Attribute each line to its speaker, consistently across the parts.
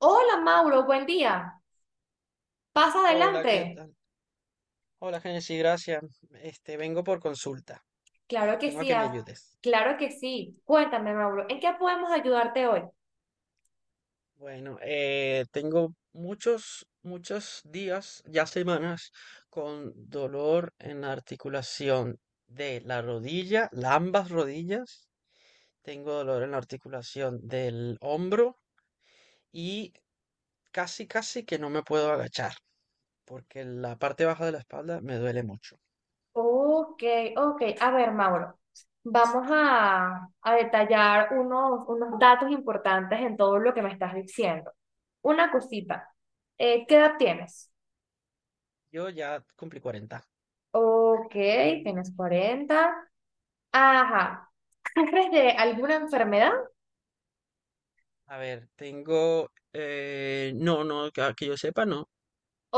Speaker 1: Hola, Mauro, buen día. Pasa
Speaker 2: Hola, ¿qué
Speaker 1: adelante.
Speaker 2: tal? Hola, Genesis, gracias. Vengo por consulta.
Speaker 1: Claro que
Speaker 2: Vengo a
Speaker 1: sí,
Speaker 2: que me
Speaker 1: ah,
Speaker 2: ayudes.
Speaker 1: claro que sí. Cuéntame, Mauro, ¿en qué podemos ayudarte hoy?
Speaker 2: Bueno, tengo muchos días, ya semanas, con dolor en la articulación de la rodilla, ambas rodillas. Tengo dolor en la articulación del hombro y casi, casi que no me puedo agachar porque la parte baja de la espalda me duele mucho.
Speaker 1: Ok, ok. A ver, Mauro, vamos a detallar unos datos importantes en todo lo que me estás diciendo. Una cosita, ¿qué edad tienes?
Speaker 2: Yo ya cumplí 40.
Speaker 1: Ok, tienes 40. Ajá. ¿Sufres de alguna enfermedad?
Speaker 2: A ver, tengo... no, no, que, ah, que yo sepa, no.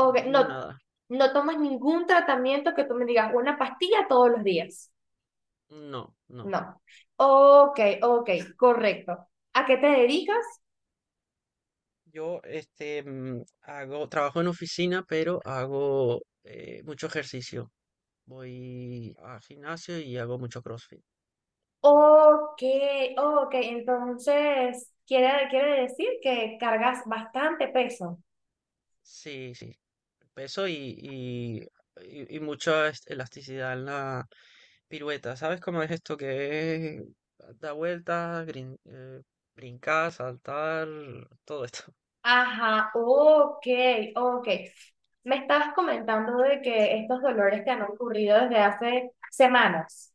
Speaker 2: No
Speaker 1: no,
Speaker 2: tengo nada.
Speaker 1: no tomas ningún tratamiento que tú me digas una pastilla todos los días.
Speaker 2: No, no.
Speaker 1: No. Ok, ok, correcto. ¿A qué te dedicas?
Speaker 2: Yo, trabajo en oficina, pero hago mucho ejercicio. Voy al gimnasio y hago mucho CrossFit.
Speaker 1: Ok, ok, entonces quiere decir que cargas bastante peso.
Speaker 2: Sí, sí. Peso y mucha elasticidad en la pirueta. ¿Sabes cómo es esto que es? Da vueltas, brincar, saltar, todo esto.
Speaker 1: Ajá, ok, ok. Me estabas comentando de que estos dolores te han ocurrido desde hace semanas.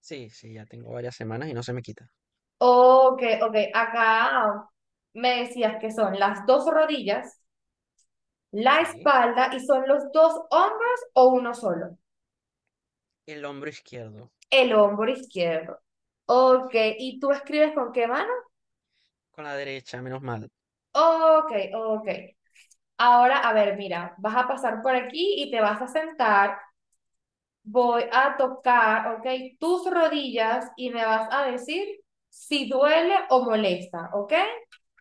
Speaker 2: Sí, sí, ya tengo varias semanas y no se me quita.
Speaker 1: Ok, ok, acá me decías que son las dos rodillas, la
Speaker 2: Sí.
Speaker 1: espalda, y son los dos hombros o uno solo.
Speaker 2: El hombro izquierdo.
Speaker 1: El hombro izquierdo. Ok,
Speaker 2: Sí.
Speaker 1: ¿y tú escribes con qué mano?
Speaker 2: Con la derecha, menos mal.
Speaker 1: Ok, ok. Ahora, a ver, mira, vas a pasar por aquí y te vas a sentar. Voy a tocar, ok, tus rodillas y me vas a decir si duele o molesta, ok.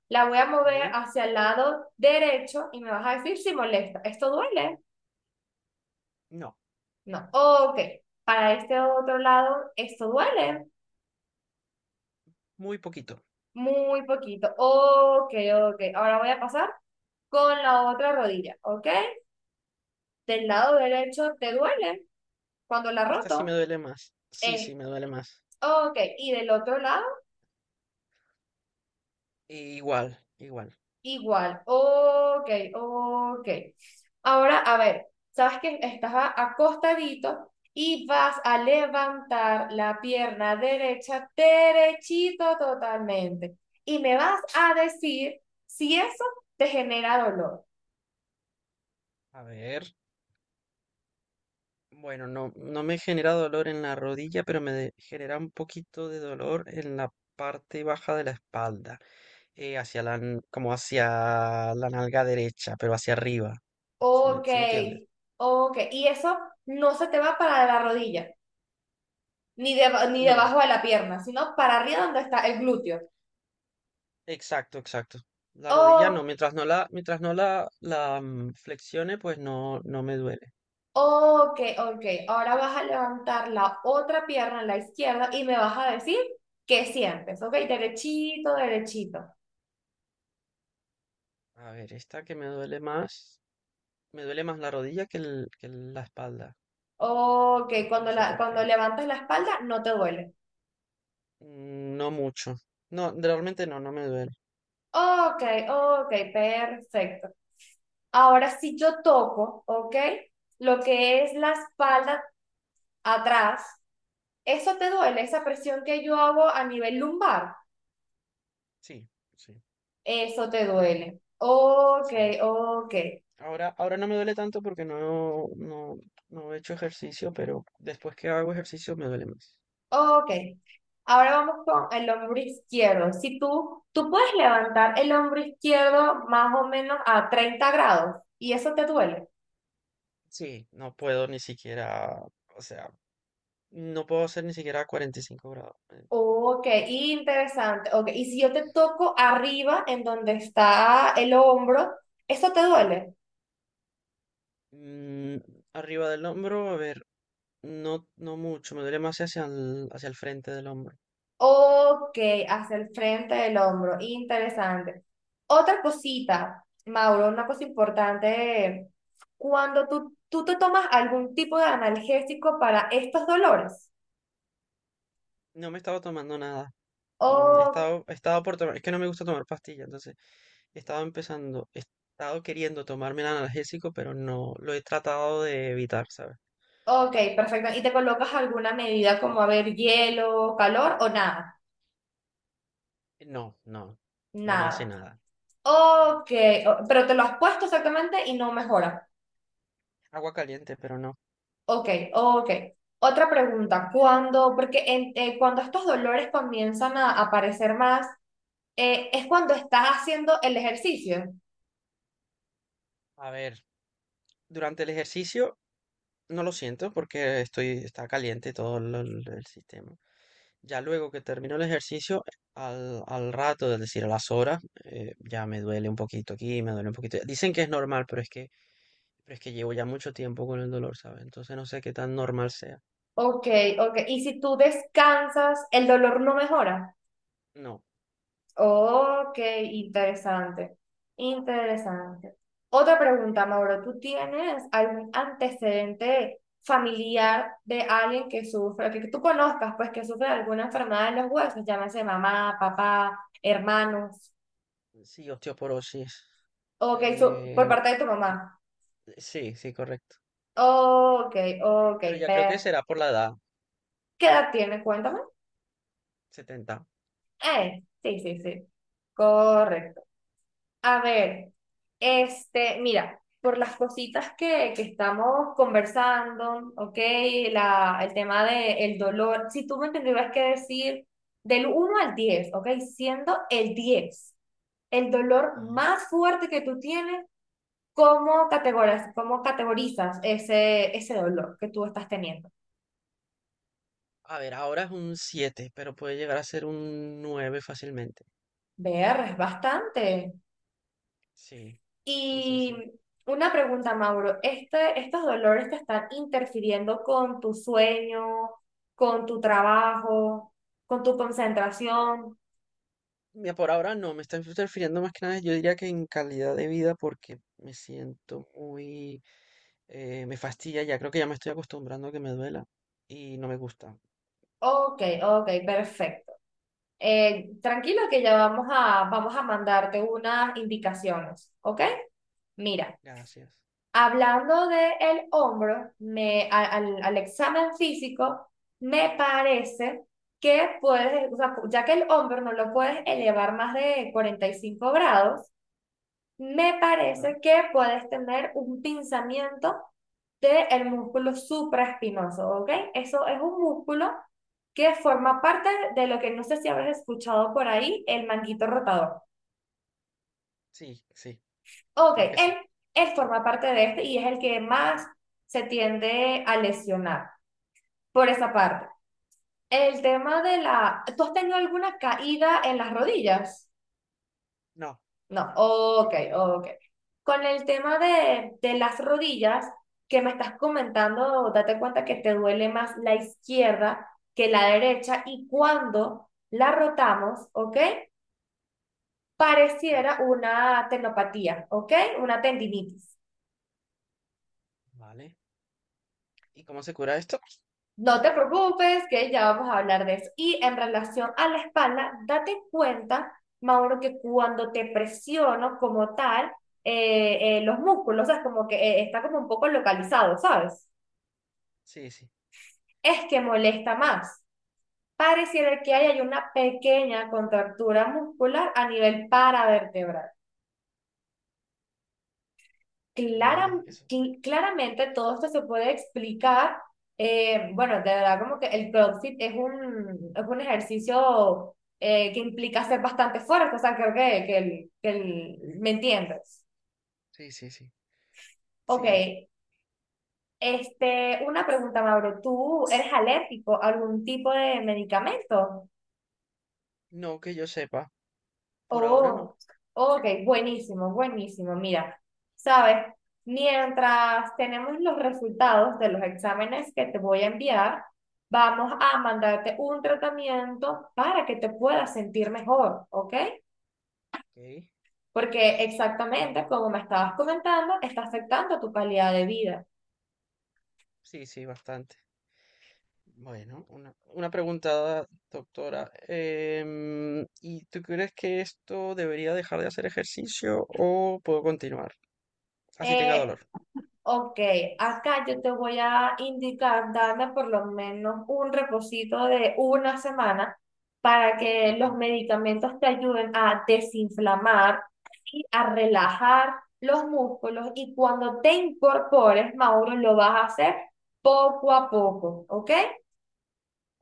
Speaker 1: La voy a mover
Speaker 2: ¿Ok?
Speaker 1: hacia el lado derecho y me vas a decir si molesta. ¿Esto duele?
Speaker 2: No,
Speaker 1: No. Ok. Para este otro lado, ¿esto duele?
Speaker 2: muy poquito.
Speaker 1: Muy poquito. Ok, ok. Ahora voy a pasar con la otra rodilla, ¿ok? Del lado derecho te duele cuando la
Speaker 2: Esta sí me
Speaker 1: roto.
Speaker 2: duele más. Sí, sí,
Speaker 1: Eh,
Speaker 2: me duele más.
Speaker 1: ok. Y del otro lado
Speaker 2: Igual, igual.
Speaker 1: igual. Ok, ok. Ahora, a ver, sabes que estás acostadito y vas a levantar la pierna derecha derechito totalmente. Y me vas a decir si eso te genera dolor.
Speaker 2: A ver. Bueno, no, no me genera dolor en la rodilla, pero genera un poquito de dolor en la parte baja de la espalda. Hacia como hacia la nalga derecha, pero hacia arriba. ¿Si me,
Speaker 1: Ok,
Speaker 2: si entiendes?
Speaker 1: ok. Y eso no se te va para la rodilla, ni
Speaker 2: No.
Speaker 1: debajo de la pierna, sino para arriba donde está el glúteo.
Speaker 2: Exacto, exacto. La rodilla no,
Speaker 1: Oh,
Speaker 2: mientras no flexione, pues no, no me duele.
Speaker 1: ok, ok. Ahora vas a levantar la otra pierna, la izquierda, y me vas a decir qué sientes. Ok, derechito, derechito.
Speaker 2: A ver, esta que me duele más la rodilla que la espalda.
Speaker 1: Ok,
Speaker 2: No
Speaker 1: cuando
Speaker 2: sé
Speaker 1: la,
Speaker 2: por
Speaker 1: cuando
Speaker 2: qué.
Speaker 1: levantas la espalda no te duele.
Speaker 2: No mucho. No, realmente no, no me duele.
Speaker 1: Ok, ok, perfecto. Ahora, si yo toco, ok, lo que es la espalda atrás, eso te duele, esa presión que yo hago a nivel lumbar,
Speaker 2: Sí, sí,
Speaker 1: eso te duele. Ok,
Speaker 2: sí.
Speaker 1: ok,
Speaker 2: Ahora, ahora no me duele tanto porque no he hecho ejercicio, pero después que hago ejercicio me duele más.
Speaker 1: ok. Ahora vamos con el hombro izquierdo. Si tú puedes levantar el hombro izquierdo más o menos a 30° y eso te duele.
Speaker 2: Sí, no puedo ni siquiera, o sea, no puedo hacer ni siquiera 45°.
Speaker 1: Ok, interesante. Ok, y si yo te toco arriba en donde está el hombro, ¿eso te duele?
Speaker 2: Mm, arriba del hombro, a ver, no, no mucho, me duele más hacia el frente del hombro.
Speaker 1: Ok, hacia el frente del hombro. Interesante. Otra cosita, Mauro, una cosa importante. Cuando tú te tomas algún tipo de analgésico para estos dolores.
Speaker 2: No me estaba tomando nada.
Speaker 1: Oh,
Speaker 2: Estaba por tomar, es que no me gusta tomar pastillas, entonces he estado queriendo tomarme el analgésico, pero no, lo he tratado de evitar, ¿sabes?
Speaker 1: ok, perfecto. ¿Y te colocas alguna medida como, a ver, hielo, calor o nada?
Speaker 2: No, no, no me hace
Speaker 1: Nada.
Speaker 2: nada.
Speaker 1: Ok, pero te lo has puesto exactamente y no mejora.
Speaker 2: Agua caliente, pero no.
Speaker 1: Ok, ok. Otra pregunta, cuando, cuando estos dolores comienzan a aparecer más, es cuando estás haciendo el ejercicio.
Speaker 2: A ver, durante el ejercicio no lo siento porque está caliente todo el sistema. Ya luego que termino el ejercicio, al rato, es decir, a las horas, ya me duele un poquito aquí, me duele un poquito. Dicen que es normal, pero es que llevo ya mucho tiempo con el dolor, ¿sabes? Entonces no sé qué tan normal sea.
Speaker 1: Ok, ok. Y si tú descansas, el dolor no mejora.
Speaker 2: No,
Speaker 1: Ok, interesante, interesante. Otra pregunta, Mauro, ¿tú tienes algún antecedente familiar de alguien que sufre, que tú conozcas, pues que sufre de alguna enfermedad de los huesos, llámese mamá, papá, hermanos?
Speaker 2: sí, osteoporosis.
Speaker 1: Ok, ¿por
Speaker 2: Eh,
Speaker 1: parte de tu
Speaker 2: mm,
Speaker 1: mamá?
Speaker 2: sí, sí, correcto.
Speaker 1: Ok, ok,
Speaker 2: Pero ya creo
Speaker 1: per.
Speaker 2: que será por la edad,
Speaker 1: ¿Qué edad tienes? Cuéntame.
Speaker 2: 70.
Speaker 1: Sí, sí, sí. Correcto. A ver, este, mira, por las cositas que estamos conversando, ¿ok? La, el tema del dolor, si tú me tendrías que decir del 1 al 10, ¿ok? Siendo el 10 el dolor
Speaker 2: Ajá.
Speaker 1: más fuerte que tú tienes, cómo categorizas ese dolor que tú estás teniendo?
Speaker 2: A ver, ahora es un 7, pero puede llegar a ser un 9 fácilmente.
Speaker 1: Ver, es bastante.
Speaker 2: Sí, sí, sí, sí.
Speaker 1: Y una pregunta, Mauro, este, ¿estos dolores te están interfiriendo con tu sueño, con tu trabajo, con tu concentración?
Speaker 2: Mira, por ahora no, me está interfiriendo más que nada, yo diría que en calidad de vida porque me siento muy... me fastidia ya, creo que ya me estoy acostumbrando a que me duela y no me gusta.
Speaker 1: Ok, ok, perfecto. Tranquilo, que ya vamos a mandarte unas indicaciones, ¿ok? Mira,
Speaker 2: Gracias.
Speaker 1: hablando del hombro, al examen físico, me parece que puedes, o sea, ya que el hombro no lo puedes elevar más de 45°, me
Speaker 2: Ah,
Speaker 1: parece que puedes tener un pinzamiento del músculo supraespinoso, ¿ok? Eso es un músculo que forma parte de lo que no sé si habrás escuchado por ahí, el manguito rotador.
Speaker 2: sí, sí,
Speaker 1: Ok,
Speaker 2: creo que sí.
Speaker 1: él forma parte de este y es el que más se tiende a lesionar por esa parte. El tema de la... ¿Tú has tenido alguna caída en las rodillas?
Speaker 2: No,
Speaker 1: No, ok, ok. Con el tema de las rodillas que me estás comentando, date cuenta que te duele más la izquierda que la derecha y cuando la rotamos, ¿ok? Pareciera una tenopatía, ¿ok? Una tendinitis.
Speaker 2: vale. ¿Y cómo se cura esto?
Speaker 1: No te preocupes, que ya vamos a hablar de eso. Y en relación a la espalda, date cuenta, Mauro, que cuando te presiono como tal, los músculos, o sea, es como que está como un poco localizado, ¿sabes?
Speaker 2: Sí, sí,
Speaker 1: Es que molesta más. Pareciera que hay una pequeña contractura muscular a nivel paravertebral. Clara-
Speaker 2: vale, eso.
Speaker 1: cl- claramente todo esto se puede explicar. Bueno, de verdad, como que el CrossFit es un ejercicio que implica hacer bastante fuerza, o sea, creo que ¿me entiendes?
Speaker 2: Sí, sí, sí.
Speaker 1: Ok,
Speaker 2: Sí,
Speaker 1: este, una pregunta, Mauro, ¿tú eres alérgico a algún tipo de medicamento?
Speaker 2: no que yo sepa. Por ahora no.
Speaker 1: Oh, ok, buenísimo, buenísimo. Mira, sabes, mientras tenemos los resultados de los exámenes que te voy a enviar, vamos a mandarte un tratamiento para que te puedas sentir mejor, ¿ok?
Speaker 2: Ok.
Speaker 1: Porque exactamente como me estabas comentando, está afectando tu calidad de vida.
Speaker 2: Sí, sí, bastante. Bueno, una pregunta, doctora. ¿Y tú crees que esto debería dejar de hacer ejercicio o puedo continuar? Así tenga
Speaker 1: Eh,
Speaker 2: dolor.
Speaker 1: Ok, acá yo te voy a indicar, darle por lo menos un reposito de una semana para que
Speaker 2: Ok,
Speaker 1: los medicamentos te ayuden a desinflamar y a relajar los músculos. Y cuando te incorpores, Mauro, lo vas a hacer poco a poco, ¿ok?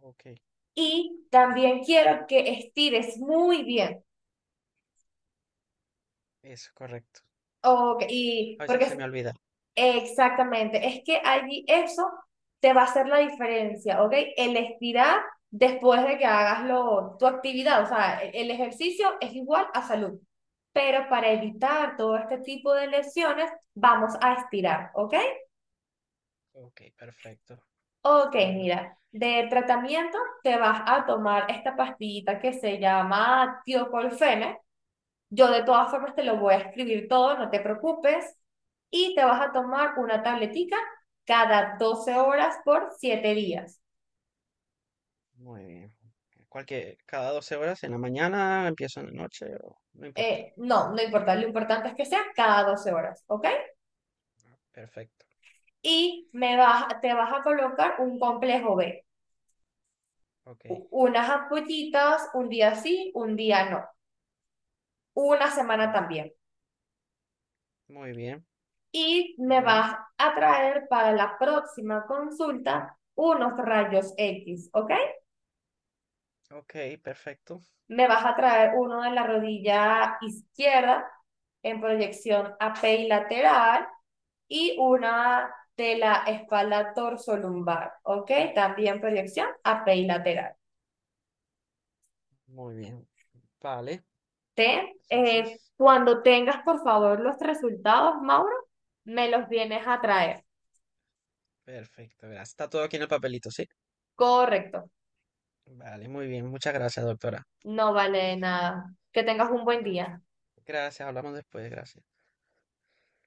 Speaker 2: ok,
Speaker 1: Y también quiero que estires muy bien.
Speaker 2: eso, correcto.
Speaker 1: Ok, y
Speaker 2: A veces se
Speaker 1: porque
Speaker 2: me olvida.
Speaker 1: exactamente, es que allí eso te va a hacer la diferencia, ¿ok? El estirar después de que hagas lo, tu actividad, o sea, el ejercicio es igual a salud, pero para evitar todo este tipo de lesiones vamos a estirar, ¿ok?
Speaker 2: Ok, perfecto.
Speaker 1: Ok,
Speaker 2: Bueno,
Speaker 1: mira, de tratamiento te vas a tomar esta pastillita que se llama tiocolfene. Yo de todas formas te lo voy a escribir todo, no te preocupes. Y te vas a tomar una tabletica cada 12 horas por 7 días.
Speaker 2: muy bien. Cualquier, cada 12 horas en la mañana, empiezo en la noche, no importa.
Speaker 1: No, no importa, lo importante es que sea cada 12 horas, ¿ok?
Speaker 2: Perfecto.
Speaker 1: Y me vas, te vas a colocar un complejo B,
Speaker 2: Ok,
Speaker 1: unas ampollitas, un día sí, un día no, una semana también.
Speaker 2: perfecto. Muy bien.
Speaker 1: Y me
Speaker 2: Bueno,
Speaker 1: vas a traer para la próxima consulta unos rayos X, ¿ok?
Speaker 2: ok, perfecto.
Speaker 1: Me vas a traer uno de la rodilla izquierda en proyección apilateral y una de la espalda torsolumbar, ¿ok? También proyección apilateral.
Speaker 2: Muy bien. Vale.
Speaker 1: ¿Te? Eh,
Speaker 2: Entonces.
Speaker 1: cuando tengas, por favor, los resultados, Mauro, me los vienes a traer.
Speaker 2: Perfecto, gracias. Está todo aquí en el papelito, ¿sí?
Speaker 1: Correcto.
Speaker 2: Vale, muy bien. Muchas gracias, doctora.
Speaker 1: No vale de nada. Que tengas un buen
Speaker 2: No,
Speaker 1: día.
Speaker 2: gracias, hablamos después, gracias.